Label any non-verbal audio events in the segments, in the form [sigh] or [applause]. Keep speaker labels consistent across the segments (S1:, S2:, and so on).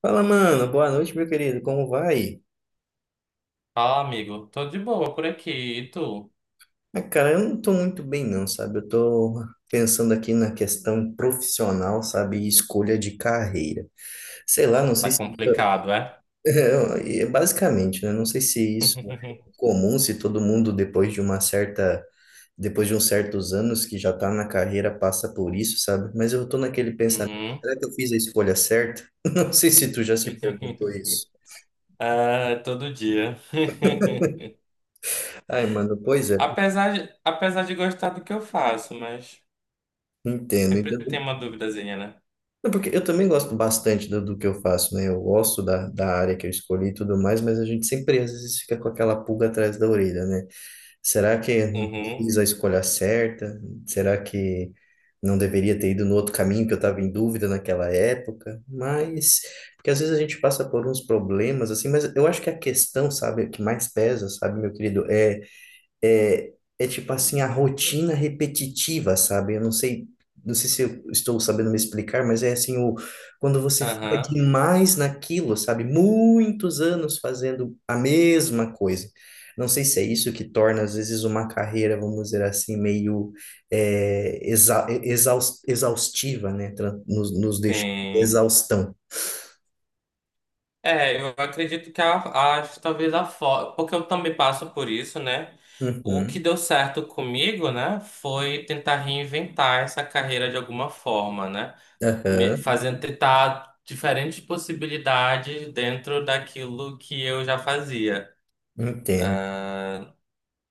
S1: Fala, mano. Boa noite, meu querido. Como vai?
S2: Ah, amigo, tô de boa por aqui. E tu?
S1: Ah, cara, eu não tô muito bem, não, sabe? Eu tô pensando aqui na questão profissional, sabe? E escolha de carreira. Sei lá, não
S2: Tá
S1: sei se isso.
S2: complicado, é?
S1: [laughs] Basicamente, né? Não sei se isso é
S2: [laughs]
S1: comum, se todo mundo, depois de uma certa. Depois de uns certos anos que já tá na carreira, passa por isso, sabe? Mas eu tô naquele pensamento.
S2: Uhum.
S1: Será que eu fiz a escolha certa? [laughs] Não sei se tu já se perguntou isso.
S2: [laughs] Ah, todo dia. [laughs]
S1: Ai, mano, pois é,
S2: Apesar de gostar do que eu faço, mas
S1: entendo.
S2: sempre
S1: entendo.
S2: tem uma duvidazinha, né?
S1: Não, porque eu também gosto bastante do que eu faço, né? Eu gosto da área que eu escolhi e tudo mais, mas a gente sempre às vezes fica com aquela pulga atrás da orelha, né? Será que eu
S2: Uhum.
S1: fiz a escolha certa? Será que não deveria ter ido no outro caminho que eu estava em dúvida naquela época? Mas, porque às vezes a gente passa por uns problemas, assim, mas eu acho que a questão, sabe, que mais pesa, sabe, meu querido, é, é tipo assim, a rotina repetitiva, sabe? Eu não sei se eu estou sabendo me explicar, mas é assim, quando você fica
S2: Aham.
S1: demais naquilo, sabe? Muitos anos fazendo a mesma coisa. Não sei se é isso que torna, às vezes, uma carreira, vamos dizer assim, meio exaustiva, né? Nos deixa
S2: Sim.
S1: exaustão.
S2: É, eu acredito que talvez a forma. Porque eu também passo por isso, né? O
S1: Uhum,
S2: que deu certo comigo, né? Foi tentar reinventar essa carreira de alguma forma, né?
S1: aham,
S2: Fazendo tentar diferentes possibilidades dentro daquilo que eu já fazia.
S1: entendo.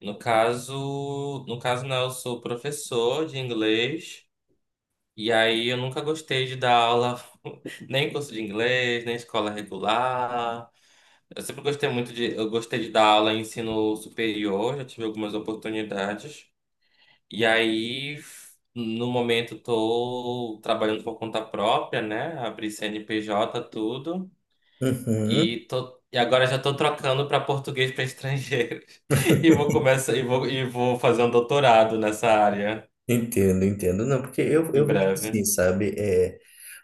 S2: No caso não, eu sou professor de inglês e aí eu nunca gostei de dar aula [laughs] nem em curso de inglês, nem em escola regular. Eu sempre gostei muito de, eu gostei de dar aula em ensino superior, já tive algumas oportunidades. E aí no momento, estou trabalhando por conta própria, né? Abri CNPJ, tudo.
S1: Uhum.
S2: E tô, e agora já estou trocando para português para estrangeiros. [laughs] E vou
S1: [laughs]
S2: começar e vou fazer um doutorado nessa área
S1: Entendo, entendo. Não, porque eu,
S2: em
S1: eu vejo assim,
S2: breve.
S1: sabe? É,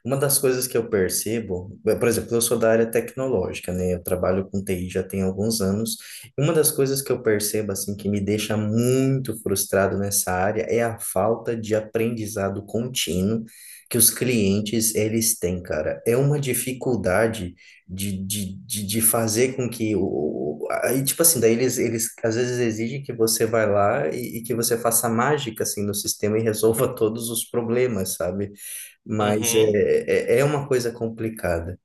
S1: uma das coisas que eu percebo, por exemplo, eu sou da área tecnológica, né? Eu trabalho com TI já tem alguns anos. E uma das coisas que eu percebo, assim, que me deixa muito frustrado nessa área é a falta de aprendizado contínuo que os clientes, eles têm, cara. É uma dificuldade de fazer com que o. Aí, tipo assim, daí eles às vezes exigem que você vai lá e que você faça mágica, assim, no sistema e [laughs] resolva todos os problemas, sabe? Mas
S2: Uhum.
S1: é uma coisa complicada.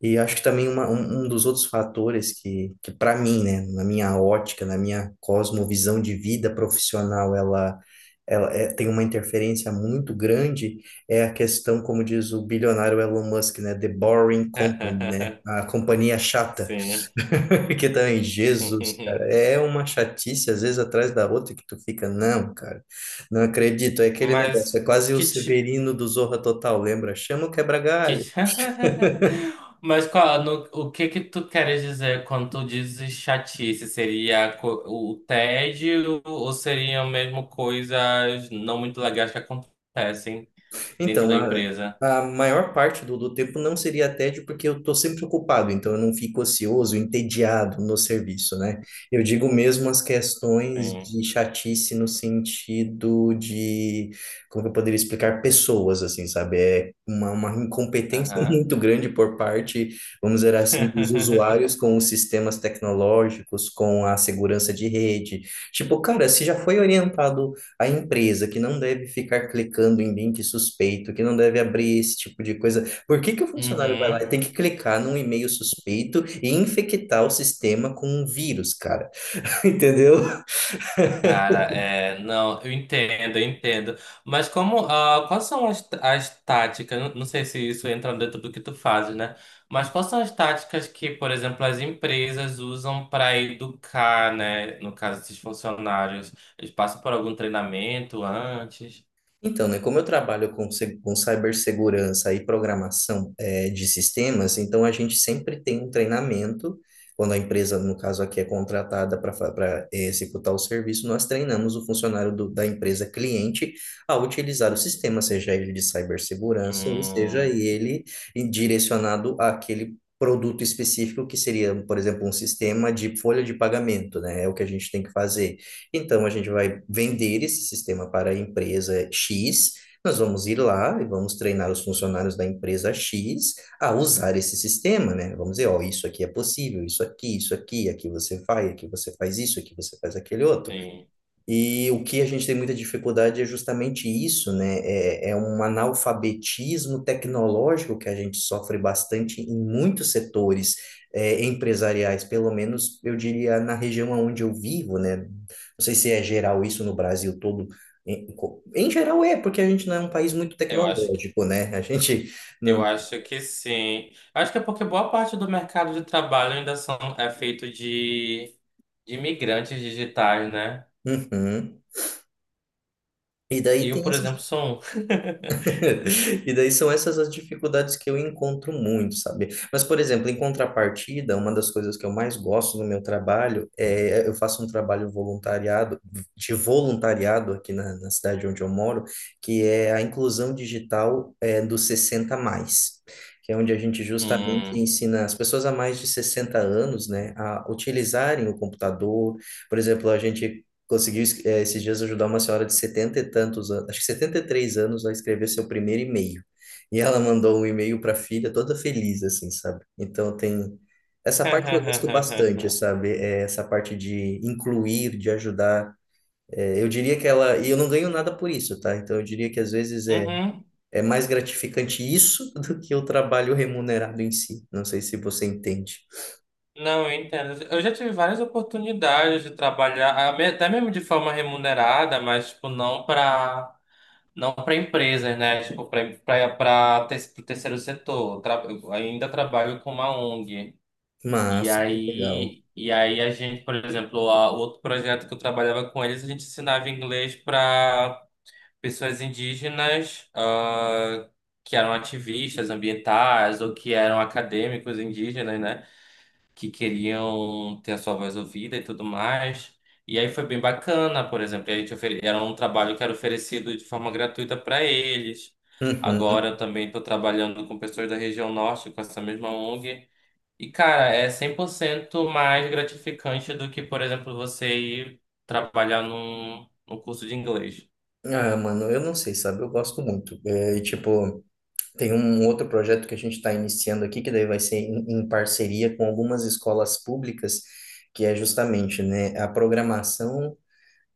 S1: E acho que também um dos outros fatores que para mim, né, na minha ótica, na minha cosmovisão de vida profissional, ela tem uma interferência muito grande, é a questão, como diz o bilionário Elon Musk, né, The Boring Company, né,
S2: [laughs]
S1: a companhia chata,
S2: Sim.
S1: [laughs] que também, Jesus, cara,
S2: [laughs]
S1: é uma chatice, às vezes, atrás da outra, que tu fica, não, cara, não acredito, é aquele negócio,
S2: Mas
S1: é quase o
S2: que tipo.
S1: Severino do Zorra Total, lembra? Chama o
S2: Que...
S1: quebra-galho.
S2: ti- [laughs] Mas qual, o que que tu queres dizer quando tu dizes chatice? Seria o tédio ou seriam mesmo coisas não muito legais que acontecem dentro
S1: Então,
S2: da
S1: a,
S2: empresa?
S1: a maior parte do tempo não seria tédio, porque eu estou sempre ocupado, então eu não fico ocioso, entediado no serviço, né? Eu digo mesmo as questões
S2: Sim.
S1: de chatice no sentido de, como que eu poderia explicar, pessoas, assim, sabe? É uma incompetência [laughs] muito grande por parte, vamos dizer assim, dos usuários
S2: [laughs]
S1: com os sistemas tecnológicos, com a segurança de rede. Tipo, cara, se já foi orientado a empresa que não deve ficar clicando em link suspeito, que não deve abrir esse tipo de coisa. Por que que o funcionário vai lá e
S2: Uhum.
S1: tem que clicar num e-mail suspeito e infectar o sistema com um vírus, cara? [laughs] Entendeu?
S2: Cara, é, não, eu entendo. Mas como, ah, quais são as táticas? Não sei se isso entra dentro do que tu fazes, né? Mas quais são as táticas que, por exemplo, as empresas usam para educar, né? No caso, esses funcionários, eles passam por algum treinamento antes?
S1: Então, né, como eu trabalho com, se- com cibersegurança e programação de sistemas, então a gente sempre tem um treinamento. Quando a empresa, no caso aqui, é contratada para executar o serviço, nós treinamos o funcionário da empresa cliente a utilizar o sistema, seja ele de cibersegurança ou seja
S2: Hum,
S1: ele direcionado àquele produto específico que seria, por exemplo, um sistema de folha de pagamento, né? É o que a gente tem que fazer. Então, a gente vai vender esse sistema para a empresa X. Nós vamos ir lá e vamos treinar os funcionários da empresa X a usar esse sistema, né? Vamos dizer, ó, isso aqui é possível, isso aqui, aqui você vai, aqui você faz isso, aqui você faz aquele outro.
S2: sim.
S1: E o que a gente tem muita dificuldade é justamente isso, né? É um analfabetismo tecnológico que a gente sofre bastante em muitos setores empresariais, pelo menos eu diria na região onde eu vivo, né? Não sei se é geral isso no Brasil todo. Em, em geral é, porque a gente não é um país muito
S2: Eu acho que,
S1: tecnológico, né? A gente
S2: eu
S1: não.
S2: acho que sim. Acho que é porque boa parte do mercado de trabalho ainda são, é feito de imigrantes digitais, né?
S1: Uhum. E
S2: E
S1: daí
S2: eu,
S1: tem
S2: por
S1: essa.
S2: exemplo, sou
S1: [laughs] E daí são essas as dificuldades que eu encontro muito, sabe? Mas, por exemplo, em contrapartida, uma das coisas que eu mais gosto no meu trabalho é eu faço um trabalho de voluntariado aqui na cidade onde eu moro, que é a inclusão digital dos 60 mais. Que é onde a gente justamente
S2: um. Hum.
S1: ensina as pessoas a mais de 60 anos, né, a utilizarem o computador. Por exemplo, a gente conseguiu esses dias ajudar uma senhora de setenta e tantos anos, acho que 73 anos, a escrever seu primeiro e-mail. E ela mandou um e-mail para a filha toda feliz, assim, sabe? Então tem essa parte que eu gosto bastante,
S2: [laughs]
S1: sabe? É essa parte de incluir, de ajudar. É, eu diria que e eu não ganho nada por isso, tá? Então eu diria que às vezes é,
S2: Uhum.
S1: é mais gratificante isso [laughs] do que o trabalho remunerado em si. Não sei se você entende.
S2: Não, eu entendo. Eu já tive várias oportunidades de trabalhar, até mesmo de forma remunerada, mas tipo, não para empresas, né? Tipo, para o terceiro setor. Eu ainda trabalho com uma ONG. E
S1: Massa, que legal.
S2: aí, e aí a gente, por exemplo, a, o outro projeto que eu trabalhava com eles, a gente ensinava inglês para pessoas indígenas, ah, que eram ativistas ambientais ou que eram acadêmicos indígenas, né? Que queriam ter a sua voz ouvida e tudo mais. E aí foi bem bacana. Por exemplo, a gente era um trabalho que era oferecido de forma gratuita para eles. Agora
S1: Uhum.
S2: eu também estou trabalhando com pessoas da região norte, com essa mesma ONG. E, cara, é 100% mais gratificante do que, por exemplo, você ir trabalhar num curso de inglês.
S1: Ah, mano, eu não sei, sabe? Eu gosto muito. É, e, tipo, tem um outro projeto que a gente está iniciando aqui, que daí vai ser em parceria com algumas escolas públicas, que é justamente, né, a programação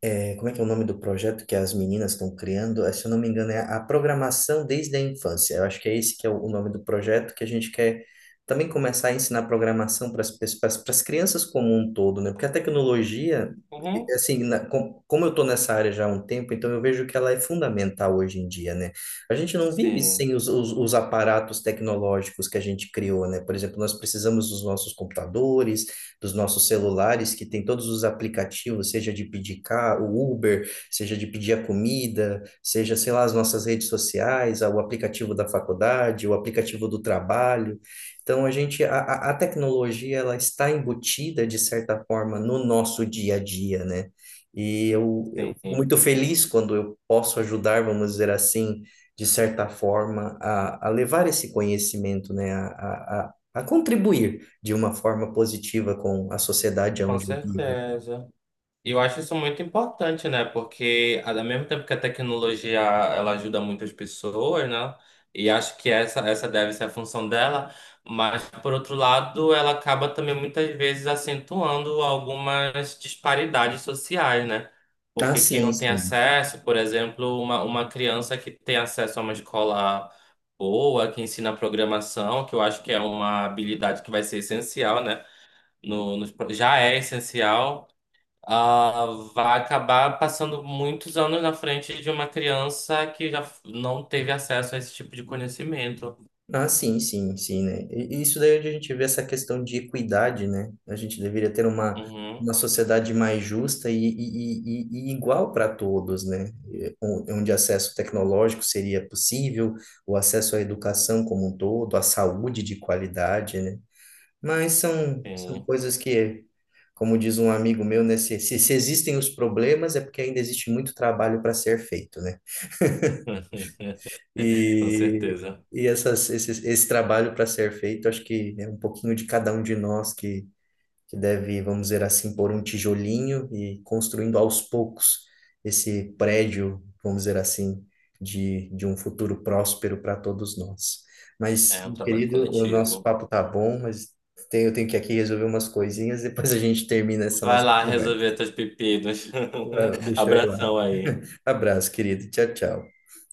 S1: como é que é o nome do projeto que as meninas estão criando? Se eu não me engano, é a programação desde a infância. Eu acho que é esse que é o nome do projeto que a gente quer também começar a ensinar programação para as pessoas, para as crianças como um todo, né? Porque a tecnologia,
S2: Uhum.
S1: assim, como eu estou nessa área já há um tempo, então eu vejo que ela é fundamental hoje em dia, né? A gente não vive
S2: Sim.
S1: sem os aparatos tecnológicos que a gente criou, né? Por exemplo, nós precisamos dos nossos computadores, dos nossos celulares, que tem todos os aplicativos, seja de pedir carro, o Uber, seja de pedir a comida, seja, sei lá, as nossas redes sociais, o aplicativo da faculdade, o aplicativo do trabalho. Então, a tecnologia, ela está embutida, de certa forma, no nosso dia a dia, né? E eu fico
S2: Sim,
S1: muito feliz quando eu posso ajudar, vamos dizer assim, de certa forma, a levar esse conhecimento, né? A contribuir, de uma forma positiva com a sociedade
S2: com
S1: onde eu vivo.
S2: certeza. E eu acho isso muito importante, né? Porque ao mesmo tempo que a tecnologia ela ajuda muitas pessoas, né? E acho que essa deve ser a função dela, mas por outro lado, ela acaba também muitas vezes acentuando algumas disparidades sociais, né?
S1: Ah,
S2: Porque quem
S1: sim,
S2: não tem
S1: sim.
S2: acesso, por exemplo, uma criança que tem acesso a uma escola boa, que ensina programação, que eu acho que é uma habilidade que vai ser essencial, né? no, nos pro- já é essencial, ah, vai acabar passando muitos anos na frente de uma criança que não teve acesso a esse tipo de conhecimento.
S1: Ah, sim, sim, sim, né? E isso daí é onde a gente vê essa questão de equidade, né? A gente deveria ter uma
S2: Uhum,
S1: sociedade mais justa e igual para todos, né? E onde acesso tecnológico seria possível, o acesso à educação como um todo, à saúde de qualidade, né? Mas são
S2: sim.
S1: coisas que, como diz um amigo meu, né? Se existem os problemas, é porque ainda existe muito trabalho para ser feito, né?
S2: [laughs] Com
S1: E,
S2: certeza.
S1: e esse trabalho para ser feito, acho que é um pouquinho de cada um de nós que deve, vamos dizer assim, pôr um tijolinho e construindo aos poucos esse prédio, vamos dizer assim, de um futuro próspero para todos nós. Mas,
S2: É um
S1: meu
S2: trabalho
S1: querido, o nosso
S2: coletivo.
S1: papo tá bom, mas eu tenho que aqui resolver umas coisinhas, depois a gente termina essa
S2: Vai
S1: nossa
S2: lá
S1: conversa.
S2: resolver teus pepinos.
S1: Ah,
S2: [laughs]
S1: deixa eu ir lá.
S2: Abração aí.
S1: Abraço, querido. Tchau, tchau.